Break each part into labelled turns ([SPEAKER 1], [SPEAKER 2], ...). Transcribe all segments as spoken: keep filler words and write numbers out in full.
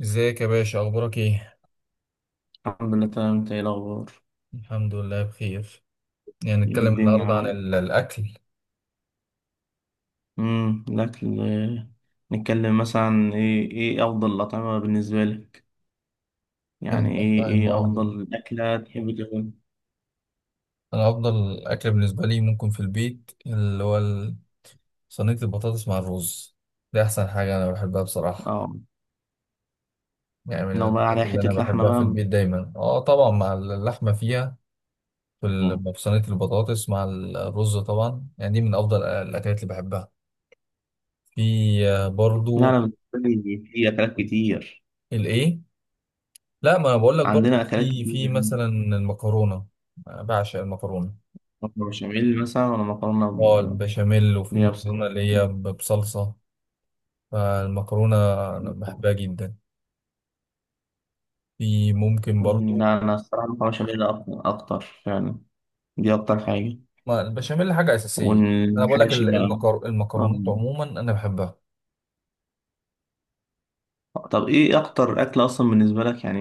[SPEAKER 1] ازيك يا باشا، اخبارك ايه؟
[SPEAKER 2] الحمد لله تمام. انت ايه الاخبار؟
[SPEAKER 1] الحمد لله بخير. يعني
[SPEAKER 2] ايه
[SPEAKER 1] نتكلم
[SPEAKER 2] الدنيا
[SPEAKER 1] النهارده عن
[SPEAKER 2] عامل؟
[SPEAKER 1] ال- الاكل.
[SPEAKER 2] امم الاكل آه، نتكلم مثلا عن ايه ايه افضل الاطعمه بالنسبه لك،
[SPEAKER 1] يلا
[SPEAKER 2] يعني
[SPEAKER 1] بقى
[SPEAKER 2] ايه
[SPEAKER 1] بتاع
[SPEAKER 2] ايه
[SPEAKER 1] المواطن.
[SPEAKER 2] افضل اكله تحب تاكل؟
[SPEAKER 1] انا افضل اكل بالنسبه لي ممكن في البيت، اللي هو ال- صينيه البطاطس مع الرز. دي احسن حاجه انا بحبها، بصراحه.
[SPEAKER 2] اه.
[SPEAKER 1] يعني من
[SPEAKER 2] لو بقى
[SPEAKER 1] الحاجات
[SPEAKER 2] عليها
[SPEAKER 1] اللي
[SPEAKER 2] حته
[SPEAKER 1] انا
[SPEAKER 2] لحمه
[SPEAKER 1] بحبها في
[SPEAKER 2] بقى.
[SPEAKER 1] البيت دايما، اه طبعا مع اللحمه فيها. في
[SPEAKER 2] مم.
[SPEAKER 1] ال- في صينيه البطاطس مع الرز، طبعا يعني دي من افضل الاكلات اللي بحبها. في، آه،
[SPEAKER 2] لا،
[SPEAKER 1] برضو.
[SPEAKER 2] انا بالنسبه لي في اكلات كتير،
[SPEAKER 1] الايه؟ لا، ما انا بقول لك برضه،
[SPEAKER 2] عندنا اكلات
[SPEAKER 1] في
[SPEAKER 2] كتير
[SPEAKER 1] في
[SPEAKER 2] يعني.
[SPEAKER 1] مثلا المكرونه. أنا بعشق المكرونه.
[SPEAKER 2] مكرونه بشاميل مثلا ولا مكرونه
[SPEAKER 1] اه،
[SPEAKER 2] ب-
[SPEAKER 1] البشاميل، وفي
[SPEAKER 2] اللي هي بصلصه
[SPEAKER 1] المكرونه اللي هي
[SPEAKER 2] مخلوط.
[SPEAKER 1] ب- بصلصه. فالمكرونه انا بحبها جدا. في، ممكن
[SPEAKER 2] مم،
[SPEAKER 1] برضه.
[SPEAKER 2] لا انا الصراحه مكرونه بشاميل اكتر اكتر يعني، دي اكتر حاجه.
[SPEAKER 1] ما البشاميل حاجه اساسيه. انا بقول لك،
[SPEAKER 2] والحاشي
[SPEAKER 1] ال-
[SPEAKER 2] بقى.
[SPEAKER 1] المكر...
[SPEAKER 2] آه.
[SPEAKER 1] المكرونات عموما انا بحبها.
[SPEAKER 2] طب ايه اكتر اكل اصلا بالنسبه لك يعني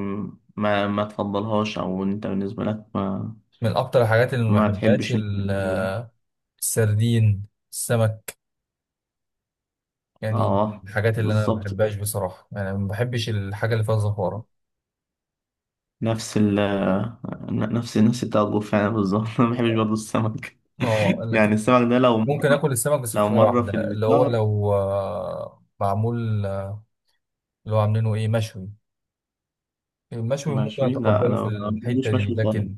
[SPEAKER 2] ما ما تفضلهاش، او انت بالنسبه لك ما
[SPEAKER 1] من اكتر الحاجات اللي ما
[SPEAKER 2] ما
[SPEAKER 1] بحبهاش
[SPEAKER 2] تحبش
[SPEAKER 1] ال-
[SPEAKER 2] إن-
[SPEAKER 1] السردين، السمك. يعني من
[SPEAKER 2] اه
[SPEAKER 1] الحاجات اللي انا ما
[SPEAKER 2] بالظبط.
[SPEAKER 1] بحبهاش بصراحه، يعني ما بحبش الحاجه اللي فيها زفاره.
[SPEAKER 2] نفس ال نفس نفس بتاع الضيوف فعلا بالظبط. انا ما بحبش برضه السمك.
[SPEAKER 1] اه، لكن،
[SPEAKER 2] يعني السمك ده لو
[SPEAKER 1] ممكن اكل السمك، بس في
[SPEAKER 2] لو
[SPEAKER 1] حاجه
[SPEAKER 2] مره في
[SPEAKER 1] واحده، اللي هو
[SPEAKER 2] الشهر.
[SPEAKER 1] لو آه، معمول، آه، اللي هو عاملينه ايه؟ مشوي. المشوي ممكن
[SPEAKER 2] مشوي لا
[SPEAKER 1] اتقبله في
[SPEAKER 2] انا ما
[SPEAKER 1] الحته
[SPEAKER 2] بحبوش
[SPEAKER 1] دي،
[SPEAKER 2] مشوي خالص.
[SPEAKER 1] لكن،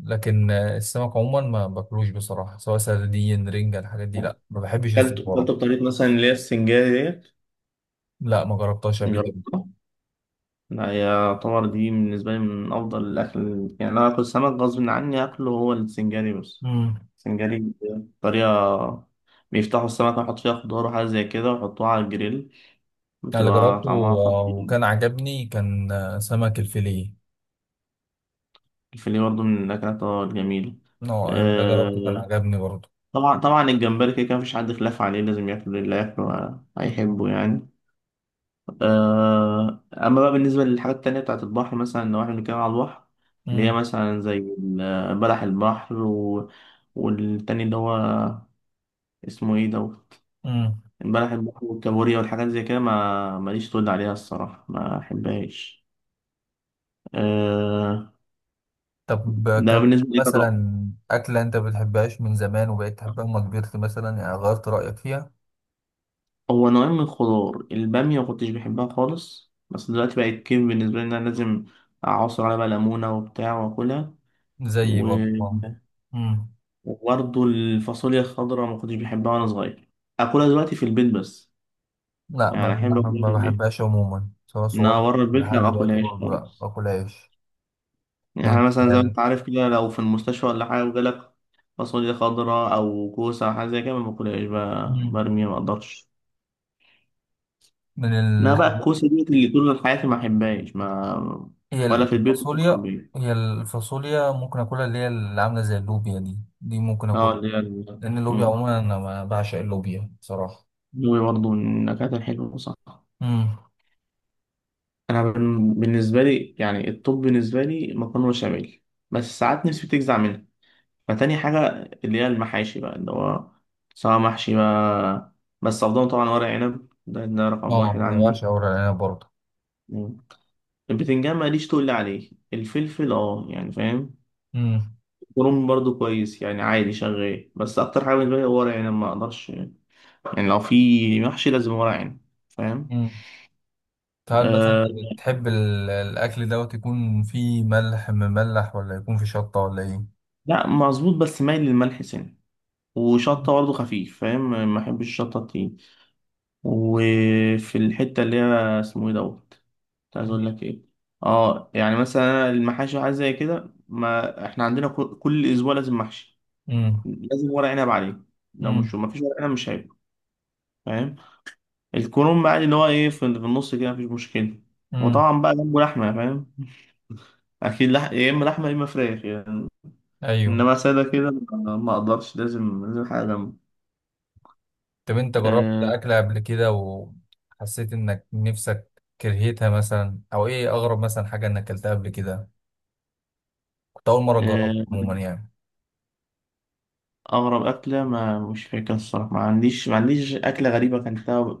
[SPEAKER 1] لكن آه، السمك عموما ما باكلوش بصراحه، سواء سردين، رنجه، الحاجات دي، لا ما بحبش
[SPEAKER 2] كلته كلته
[SPEAKER 1] الزفاره.
[SPEAKER 2] بطريقه مثلا اللي هي السنجاري ديت
[SPEAKER 1] لا، ما جربتهاش قبل كده.
[SPEAKER 2] جربتها. لا، هي يعتبر دي بالنسبة لي من أفضل الأكل، يعني لو آكل سمك غصب عني آكله هو السنجاري بس.
[SPEAKER 1] امم.
[SPEAKER 2] السنجاري طريقة بيفتحوا السمكة ويحط فيها خضار وحاجة زي كده ويحطوها على الجريل.
[SPEAKER 1] انا اللي
[SPEAKER 2] بتبقى
[SPEAKER 1] جربته
[SPEAKER 2] طعمها
[SPEAKER 1] آه،
[SPEAKER 2] خطير.
[SPEAKER 1] وكان عجبني، كان آه، سمك الفيليه.
[SPEAKER 2] الفيليه برضه من الأكلات آه، الجميلة.
[SPEAKER 1] آه، أنا ده جربته، كان
[SPEAKER 2] آه،
[SPEAKER 1] عجبني برضه.
[SPEAKER 2] طبعا طبعا الجمبري كده كده مفيش حد خلاف عليه، لازم ياكله، اللي ياكله آه،
[SPEAKER 1] امم.
[SPEAKER 2] هيحبه يعني. آه، أما بقى بالنسبة للحاجات التانية بتاعة البحر، مثلا لو إحنا بنتكلم على البحر، اللي هي مثلا زي ال- بلح البحر و... والتاني اللي هو اسمه إيه دوت،
[SPEAKER 1] امم.
[SPEAKER 2] بلح البحر والكابوريا والحاجات زي كده، ما ماليش تقول عليها الصراحة، ما أحبهاش. أه...
[SPEAKER 1] طب،
[SPEAKER 2] ده
[SPEAKER 1] كان
[SPEAKER 2] بالنسبة لي طبعا.
[SPEAKER 1] مثلا، أكلة أنت بتحبهاش من زمان وبقيت تحبها لما كبرت مثلا، يعني غيرت رأيك فيها؟
[SPEAKER 2] هو نوعين من الخضار، البامية ما كنتش بحبها خالص، بس دلوقتي بقت كيف بالنسبة لي إن أنا لازم أعصر عليها بقى ليمونة وبتاع وأكلها.
[SPEAKER 1] زي، برضه، آه. مم.
[SPEAKER 2] وبرضه الفاصوليا الخضراء ما كنتش بحبها وانا صغير. اكلها دلوقتي في البيت بس،
[SPEAKER 1] لا، ما
[SPEAKER 2] يعني
[SPEAKER 1] ما
[SPEAKER 2] احب اكلها في
[SPEAKER 1] ما
[SPEAKER 2] البيت،
[SPEAKER 1] بحبهاش عموما، سواء
[SPEAKER 2] انها
[SPEAKER 1] صغير.
[SPEAKER 2] بره البيت لا
[SPEAKER 1] لحد
[SPEAKER 2] ما
[SPEAKER 1] دلوقتي
[SPEAKER 2] اكلهاش
[SPEAKER 1] برضه لا
[SPEAKER 2] خالص.
[SPEAKER 1] باكلهاش. من
[SPEAKER 2] يعني مثلا زي ما
[SPEAKER 1] ال...
[SPEAKER 2] انت عارف كده لو في المستشفى ولا حاجه وجالك فاصوليا خضراء او كوسه او حاجه زي كده ما باكلهاش، ب-
[SPEAKER 1] مم.
[SPEAKER 2] برميها، ما اقدرش.
[SPEAKER 1] من ال...
[SPEAKER 2] انا بقى الكوسه دي اللي طول حياتي ما احبهاش ما،
[SPEAKER 1] هي
[SPEAKER 2] ولا في البيت ولا في
[SPEAKER 1] الفاصوليا.
[SPEAKER 2] البيت
[SPEAKER 1] هي الفاصوليا ممكن اكلها، اللي هي اللي عامله زي اللوبيا، دي دي ممكن اكلها.
[SPEAKER 2] اه اللي هي ال-
[SPEAKER 1] لان اللوبيا
[SPEAKER 2] مم.
[SPEAKER 1] عموما انا ما بعشق اللوبيا، بصراحه.
[SPEAKER 2] دي برضه من النكهات الحلوه صح.
[SPEAKER 1] امم.
[SPEAKER 2] انا بن- بالنسبه لي يعني الطب بالنسبه لي مكرونه بشاميل، بس ساعات نفسي بتجزع منها، فتاني حاجه اللي هي المحاشي بقى اللي هو سواء محشي بقى، بس افضل طبعا ورق عنب. ده, ده رقم واحد
[SPEAKER 1] اه، انا
[SPEAKER 2] عندي.
[SPEAKER 1] بعشق ورق العنب برضه.
[SPEAKER 2] مم. البتنجان ماليش تقول عليه، الفلفل اه يعني فاهم، الكرنب برضو كويس يعني عادي شغال، بس اكتر حاجه بالنسبه لي هو ورق عنب، ما اقدرش يعني، لو في محشي لازم ورق عنب. فاهم.
[SPEAKER 1] امم. فهل مثلا
[SPEAKER 2] أه.
[SPEAKER 1] بتحب ال- الأكل دوت يكون فيه ملح مملح، ولا يكون فيه شطة، ولا إيه؟
[SPEAKER 2] لا مظبوط بس مايل للملح سنة، وشطة برضه خفيف فاهم، ما بحبش الشطة التقيل. وفي الحتة اللي هي اسمه ايه دوت كنت عايز اقول لك ايه. اه يعني مثلا أنا المحاشي وحاجات زي كده، ما احنا عندنا كل كل اسبوع لازم محشي،
[SPEAKER 1] امم.
[SPEAKER 2] لازم ورق عنب عليه، لو مش
[SPEAKER 1] امم.
[SPEAKER 2] ما فيش ورق عنب مش هيبقى. فاهم. الكرنب بقى اللي هو ايه في في النص كده مفيش مشكلة.
[SPEAKER 1] امم.
[SPEAKER 2] وطبعا بقى جنبه لحمة فاهم، أكيد لح... يا إما لحمة يا إما فراخ يعني.
[SPEAKER 1] أيوه.
[SPEAKER 2] إنما سادة كده ما ما أقدرش، لازم لازم حاجة جنبه.
[SPEAKER 1] طب أنت جربت
[SPEAKER 2] آه،
[SPEAKER 1] أكلة قبل كده وحسيت إنك نفسك كرهتها مثلا، أو إيه أغرب مثلا حاجة إنك أكلتها قبل كده؟ كنت أول مرة جربت
[SPEAKER 2] آه.
[SPEAKER 1] عموما يعني.
[SPEAKER 2] أغرب أكلة ما مش فاكر الصراحة، ما عنديش ما عنديش أكلة غريبة أكلتها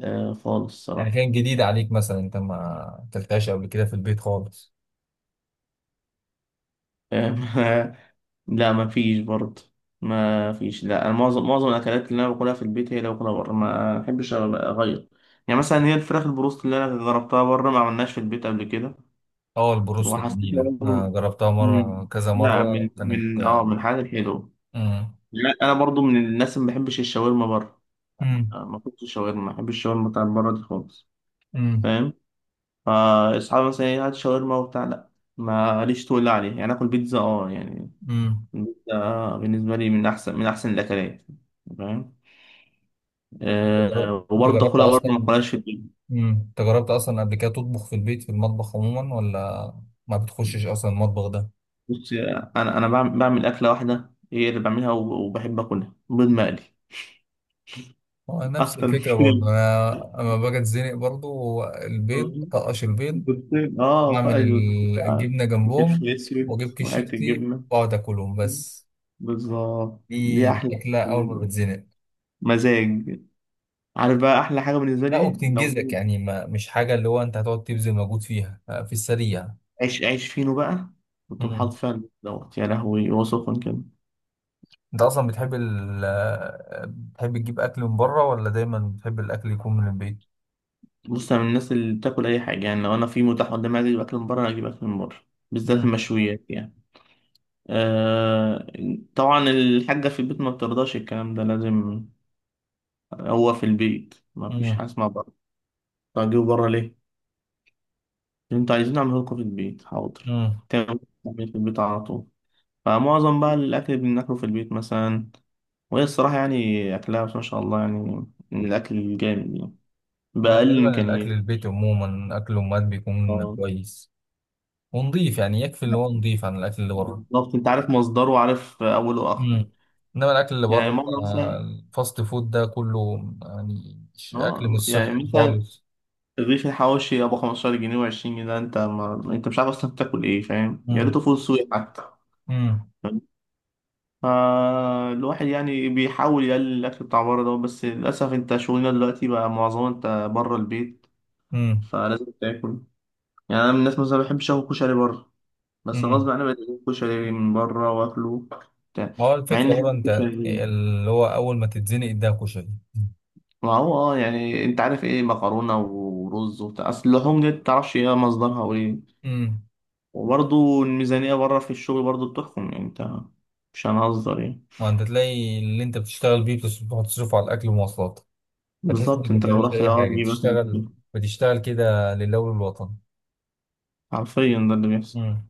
[SPEAKER 2] آه خالص
[SPEAKER 1] يعني
[SPEAKER 2] الصراحة.
[SPEAKER 1] كانت جديدة عليك مثلا، أنت ما أكلتهاش قبل كده في البيت خالص؟
[SPEAKER 2] آه، لا ما فيش برضه ما فيش. لا، أنا معظم معظم الأكلات اللي أنا باكلها في البيت هي اللي باكلها بره، ما أحبش أغير. يعني مثلا هي الفراخ البروست اللي أنا جربتها بره ما عملناش في البيت قبل كده.
[SPEAKER 1] أه، البروست
[SPEAKER 2] وحسيت
[SPEAKER 1] جميلة، أنا
[SPEAKER 2] برضه.
[SPEAKER 1] جربتها مرة،
[SPEAKER 2] مم،
[SPEAKER 1] كذا
[SPEAKER 2] لا،
[SPEAKER 1] مرة.
[SPEAKER 2] من من
[SPEAKER 1] كانت،
[SPEAKER 2] اه من الحاجات الحلوة.
[SPEAKER 1] امم.
[SPEAKER 2] لا أنا برضه من الناس اللي ما بحبش الشاورما بره.
[SPEAKER 1] امم.
[SPEAKER 2] آه، ما كنتش شاورما، ما بحبش الشاورما بتاعت بره دي خالص. فاهم. فاصحابي مثلا ايه هات شاورما وبتاع، لا. ماليش تقول عليه، يعني اكل بيتزا اه يعني،
[SPEAKER 1] امم.
[SPEAKER 2] البيتزا بالنسبه لي من احسن من احسن الاكلات. فاهم.
[SPEAKER 1] انت
[SPEAKER 2] أه. وبرضه
[SPEAKER 1] جربت
[SPEAKER 2] اكلها برضه
[SPEAKER 1] اصلا،
[SPEAKER 2] ما اكلهاش في البيت.
[SPEAKER 1] مم. انت جربت اصلا قبل كده تطبخ في البيت، في المطبخ عموما، ولا ما بتخشش اصلا المطبخ ده؟
[SPEAKER 2] بص، انا انا بعمل, بعمل اكله واحده هي اللي بعملها وب- وبحب اكلها، بيض مقلي.
[SPEAKER 1] هو نفس
[SPEAKER 2] اكتر من
[SPEAKER 1] الفكره
[SPEAKER 2] كده
[SPEAKER 1] برضه انا، اما باجي اتزنق برضه البيض، طقش البيض،
[SPEAKER 2] بيضتين اه، فقط
[SPEAKER 1] واعمل
[SPEAKER 2] بيضتين
[SPEAKER 1] ال-
[SPEAKER 2] بقى،
[SPEAKER 1] الجبنه
[SPEAKER 2] وفلفل
[SPEAKER 1] جنبهم،
[SPEAKER 2] اسود
[SPEAKER 1] واجيب
[SPEAKER 2] وحته
[SPEAKER 1] كشيفتي
[SPEAKER 2] جبنه.
[SPEAKER 1] واقعد اكلهم بس.
[SPEAKER 2] بالظبط
[SPEAKER 1] دي
[SPEAKER 2] دي احلى
[SPEAKER 1] الاكله اول ما
[SPEAKER 2] بالنسبة لي.
[SPEAKER 1] بتزنق.
[SPEAKER 2] مزاج. عارف بقى احلى حاجه بالنسبه لي
[SPEAKER 1] لا،
[SPEAKER 2] ايه؟ لو
[SPEAKER 1] وبتنجزك يعني، ما مش حاجه اللي هو انت هتقعد تبذل مجهود فيها، آه، في السريع.
[SPEAKER 2] عيش عيش فينو بقى، وتقوم حاطط
[SPEAKER 1] مم.
[SPEAKER 2] فيها البيض دوت يا لهوي وصفا كده.
[SPEAKER 1] انت اصلا بتحب ال بتحب تجيب اكل من بره، ولا دايما بتحب الاكل يكون من البيت؟
[SPEAKER 2] بص انا من الناس اللي بتاكل اي حاجه، يعني لو انا في متاح قدامي عايز اجيب اكل من بره أنا اجيب اكل من بره، بالذات
[SPEAKER 1] مم.
[SPEAKER 2] المشويات يعني. آه. طبعا الحاجه في البيت ما بترضاش الكلام ده، لازم. هو في البيت ما فيش حاجه
[SPEAKER 1] مم.
[SPEAKER 2] اسمها بره. طب اجيبه بره ليه؟ انتوا عايزين نعمله لكم في البيت، حاضر.
[SPEAKER 1] مم.
[SPEAKER 2] تعمل تعمل في البيت على طول. فمعظم بقى الاكل اللي بناكله في البيت مثلا، وهي الصراحه يعني اكلها بس ما شاء الله يعني من الاكل الجامد يعني.
[SPEAKER 1] هو
[SPEAKER 2] بأقل
[SPEAKER 1] غالبا الاكل
[SPEAKER 2] الإمكانيات.
[SPEAKER 1] البيت عموما، اكل امهات بيكون
[SPEAKER 2] اه.
[SPEAKER 1] كويس. ونضيف يعني، يكفي اللي
[SPEAKER 2] لا.
[SPEAKER 1] هو نضيف عن الاكل اللي بره.
[SPEAKER 2] بالظبط أنت عارف مصدره وعارف أوله وآخره.
[SPEAKER 1] مم. انما الاكل اللي
[SPEAKER 2] يعني
[SPEAKER 1] بره،
[SPEAKER 2] مرة
[SPEAKER 1] آه،
[SPEAKER 2] مثلا.
[SPEAKER 1] الفاست فود ده كله، يعني مش- اكل
[SPEAKER 2] اه
[SPEAKER 1] مش
[SPEAKER 2] يعني
[SPEAKER 1] صحي
[SPEAKER 2] مثلا
[SPEAKER 1] خالص.
[SPEAKER 2] الرغيف الحواوشي أبو خمسة عشر جنيه و20 جنيه ده أنت ما... أنت مش عارف أصلا بتاكل إيه فاهم، يا ريته
[SPEAKER 1] مم.
[SPEAKER 2] فول سوري حتى.
[SPEAKER 1] امم.
[SPEAKER 2] فاهم؟ فالواحد يعني بيحاول يقلل الأكل بتاع بره ده، بس للأسف أنت شغلنا دلوقتي بقى معظمه أنت بره البيت،
[SPEAKER 1] امم.
[SPEAKER 2] فلازم تاكل. يعني أنا من الناس مثلا ما بحبش آكل كشري بره، بس غصب
[SPEAKER 1] امم.
[SPEAKER 2] عني بقيت آكل كشري من بره وآكله بتاع.
[SPEAKER 1] هو
[SPEAKER 2] مع إن
[SPEAKER 1] الفكره بره
[SPEAKER 2] أحب
[SPEAKER 1] انت،
[SPEAKER 2] الكشري.
[SPEAKER 1] اللي هو اول ما تتزنق ده كشري.
[SPEAKER 2] ما هو اه يعني انت عارف ايه مكرونه ورز وبتاع، اصل اللحوم دي متعرفش ايه مصدرها وايه.
[SPEAKER 1] امم.
[SPEAKER 2] وبرضه الميزانيه بره في الشغل برضه بتحكم يعني انت، مش هنهزر يعني.
[SPEAKER 1] ما انت تلاقي اللي انت بتشتغل بيه بتص- بتصرف على الاكل والمواصلات. فتحس انك
[SPEAKER 2] بالظبط.
[SPEAKER 1] ما
[SPEAKER 2] انت لو
[SPEAKER 1] بتعملش
[SPEAKER 2] رحت
[SPEAKER 1] اي
[SPEAKER 2] اه
[SPEAKER 1] حاجه،
[SPEAKER 2] تجيب اكل من
[SPEAKER 1] بتشتغل،
[SPEAKER 2] بره.
[SPEAKER 1] بتشتغل كده لله وللوطن.
[SPEAKER 2] حرفيا ده اللي بيحصل.
[SPEAKER 1] امم.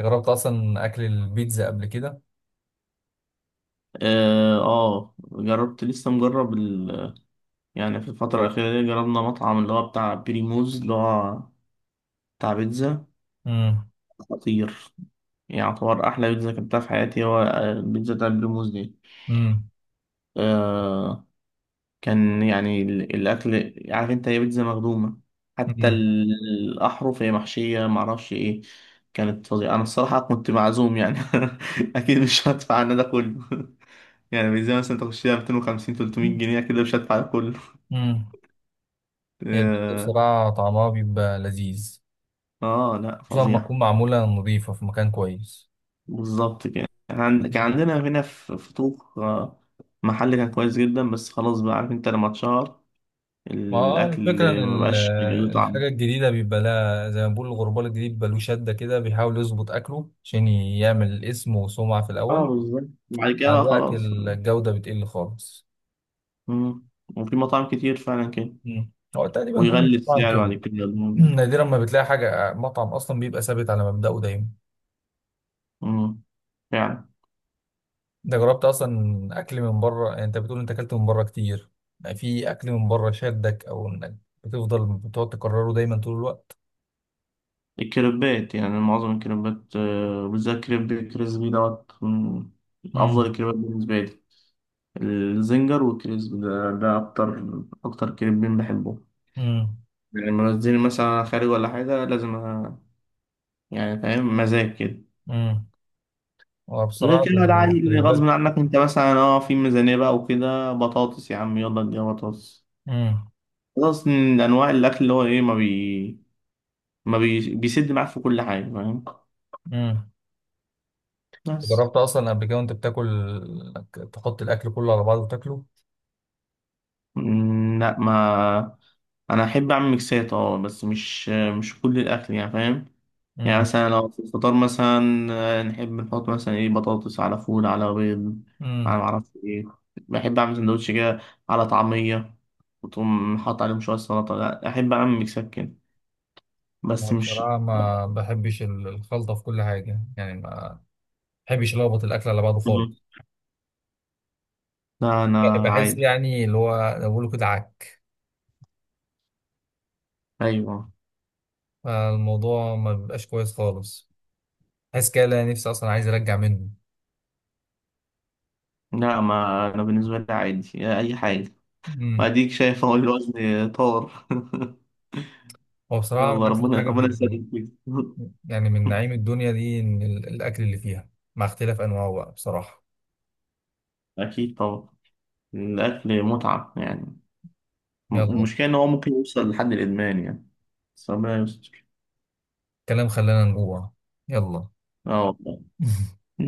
[SPEAKER 1] جربت اصلا اكل البيتزا قبل كده؟
[SPEAKER 2] اه آه، جربت. لسه مجرب ال... يعني في الفتره الاخيره دي جربنا مطعم اللي هو بتاع بريموز اللي هو بتاع بيتزا.
[SPEAKER 1] امم.
[SPEAKER 2] خطير. يعني يعتبر احلى بيتزا كلتها في حياتي هو آه، البيتزا بتاع بريموز دي.
[SPEAKER 1] امم.
[SPEAKER 2] آه، كان يعني ال- الأكل عارف أنت، هي بيتزا مخدومة، حتى
[SPEAKER 1] امم.
[SPEAKER 2] ال- الأحرف هي محشية معرفش إيه. كانت فظيعة. أنا الصراحة كنت معزوم يعني. أكيد مش هدفع أنا ده كله. يعني بيتزا مثلا تخشيها ميتين وخمسين تلت ميه جنيه كده، مش هدفع ده كله.
[SPEAKER 1] امم. هي البيتزا
[SPEAKER 2] آه.
[SPEAKER 1] بصراحه طعمها بيبقى لذيذ،
[SPEAKER 2] آه، لأ
[SPEAKER 1] خصوصا لما
[SPEAKER 2] فظيع.
[SPEAKER 1] تكون معموله نظيفه في مكان كويس.
[SPEAKER 2] بالظبط كده. إحنا عند- كان
[SPEAKER 1] مم.
[SPEAKER 2] عندنا هنا في في طوق آه، محل كان كويس جدا، بس خلاص بقى عارف أنت لما اتشهر
[SPEAKER 1] ما هو الفكره ان
[SPEAKER 2] الأكل
[SPEAKER 1] ال-
[SPEAKER 2] مبقاش له طعم.
[SPEAKER 1] الحاجه الجديده بيبقى لها، زي ما بقول، الغربال الجديد بيبقى له شده كده، بيحاول يظبط اكله عشان يعمل اسم وسمعه في
[SPEAKER 2] اه
[SPEAKER 1] الاول.
[SPEAKER 2] بالظبط، بعد كده
[SPEAKER 1] مع
[SPEAKER 2] بقى
[SPEAKER 1] الوقت
[SPEAKER 2] خلاص.
[SPEAKER 1] الجودة بتقل خالص.
[SPEAKER 2] مم. وفي مطاعم كتير فعلا كده.
[SPEAKER 1] مم. هو تقريبا كل
[SPEAKER 2] ويغلي
[SPEAKER 1] المطاعم
[SPEAKER 2] السعر
[SPEAKER 1] كده.
[SPEAKER 2] بعد كده. مم.
[SPEAKER 1] نادرا ما بتلاقي حاجة، مطعم أصلا بيبقى ثابت على مبدأه دايما.
[SPEAKER 2] مم. فعلا.
[SPEAKER 1] أنت جربت أصلا أكل من بره، يعني أنت بتقول أنت أكلت من بره كتير. يعني في أكل من بره شدك؟ أو إنك بتفضل بتقعد تكرره دايما طول الوقت؟
[SPEAKER 2] الكريبات يعني معظم الكريبات آه، بالذات كريب كريسبي دوت من أفضل
[SPEAKER 1] مم.
[SPEAKER 2] الكريبات بالنسبة لي. الزنجر والكريسبي ده, ده أكتر أكتر كريبين بحبهم.
[SPEAKER 1] مم.
[SPEAKER 2] يعني لما بنزل مثلا خارج ولا حاجة لازم أ- يعني فاهم، مزاج كده.
[SPEAKER 1] مم.
[SPEAKER 2] غير
[SPEAKER 1] وبصراحة
[SPEAKER 2] كده لا، عادي اللي غصب
[SPEAKER 1] الكريبات،
[SPEAKER 2] عنك انت مثلا اه في ميزانية بقى وكده، بطاطس يا عم يلا اديها بطاطس.
[SPEAKER 1] مم.
[SPEAKER 2] خلاص، من أنواع الأكل اللي هو إيه ما بي ما بي... بيسد معاك في كل حاجة فاهم،
[SPEAKER 1] مم.
[SPEAKER 2] بس.
[SPEAKER 1] جربت أصلا قبل كده وأنت بتاكل إنك تحط الأكل كله على بعضه وتاكله؟
[SPEAKER 2] مم، لا ما أنا أحب أعمل ميكسات أه، بس مش مش كل الأكل يعني فاهم. يعني مثلا لو في الفطار مثلا آه، نحب نحط مثلا إيه بطاطس على فول على بيض
[SPEAKER 1] مم.
[SPEAKER 2] على معرفش إيه، بحب أعمل سندوتش كده على طعمية، وتقوم حاطط عليهم شوية سلطة. لا أحب أعمل ميكسات كده،
[SPEAKER 1] أنا
[SPEAKER 2] بس مش.
[SPEAKER 1] بصراحة ما بحبش ال- الخلطة في كل حاجة، يعني ما بحبش ألخبط الأكل على بعضه
[SPEAKER 2] مم.
[SPEAKER 1] خالص.
[SPEAKER 2] لا أنا
[SPEAKER 1] بحس
[SPEAKER 2] عادي.
[SPEAKER 1] يعني اللي هو زي ما بيقولوا كده، عك.
[SPEAKER 2] أيوه.
[SPEAKER 1] فالموضوع ما بيبقاش كويس خالص. بحس كده، لا، نفسي أصلا عايز أرجع منه.
[SPEAKER 2] لا ما أنا بالنسبة لي عادي أي حاجة.
[SPEAKER 1] أمم.
[SPEAKER 2] وأديك شايف أهو الوزن طار.
[SPEAKER 1] هو بصراحة من
[SPEAKER 2] يلا،
[SPEAKER 1] أحسن
[SPEAKER 2] ربنا
[SPEAKER 1] حاجة في،
[SPEAKER 2] ربنا يسلمك فيك.
[SPEAKER 1] يعني من نعيم الدنيا دي، إن ال- الأكل اللي فيها، مع اختلاف أنواعه بقى، بصراحة.
[SPEAKER 2] أكيد طبعا. الأكل متعة يعني.
[SPEAKER 1] يلا.
[SPEAKER 2] المشكلة إن هو ممكن يوصل لحد الإدمان يعني، بس ربنا يستر.
[SPEAKER 1] كلام خلانا نجوع. يلا.
[SPEAKER 2] اه والله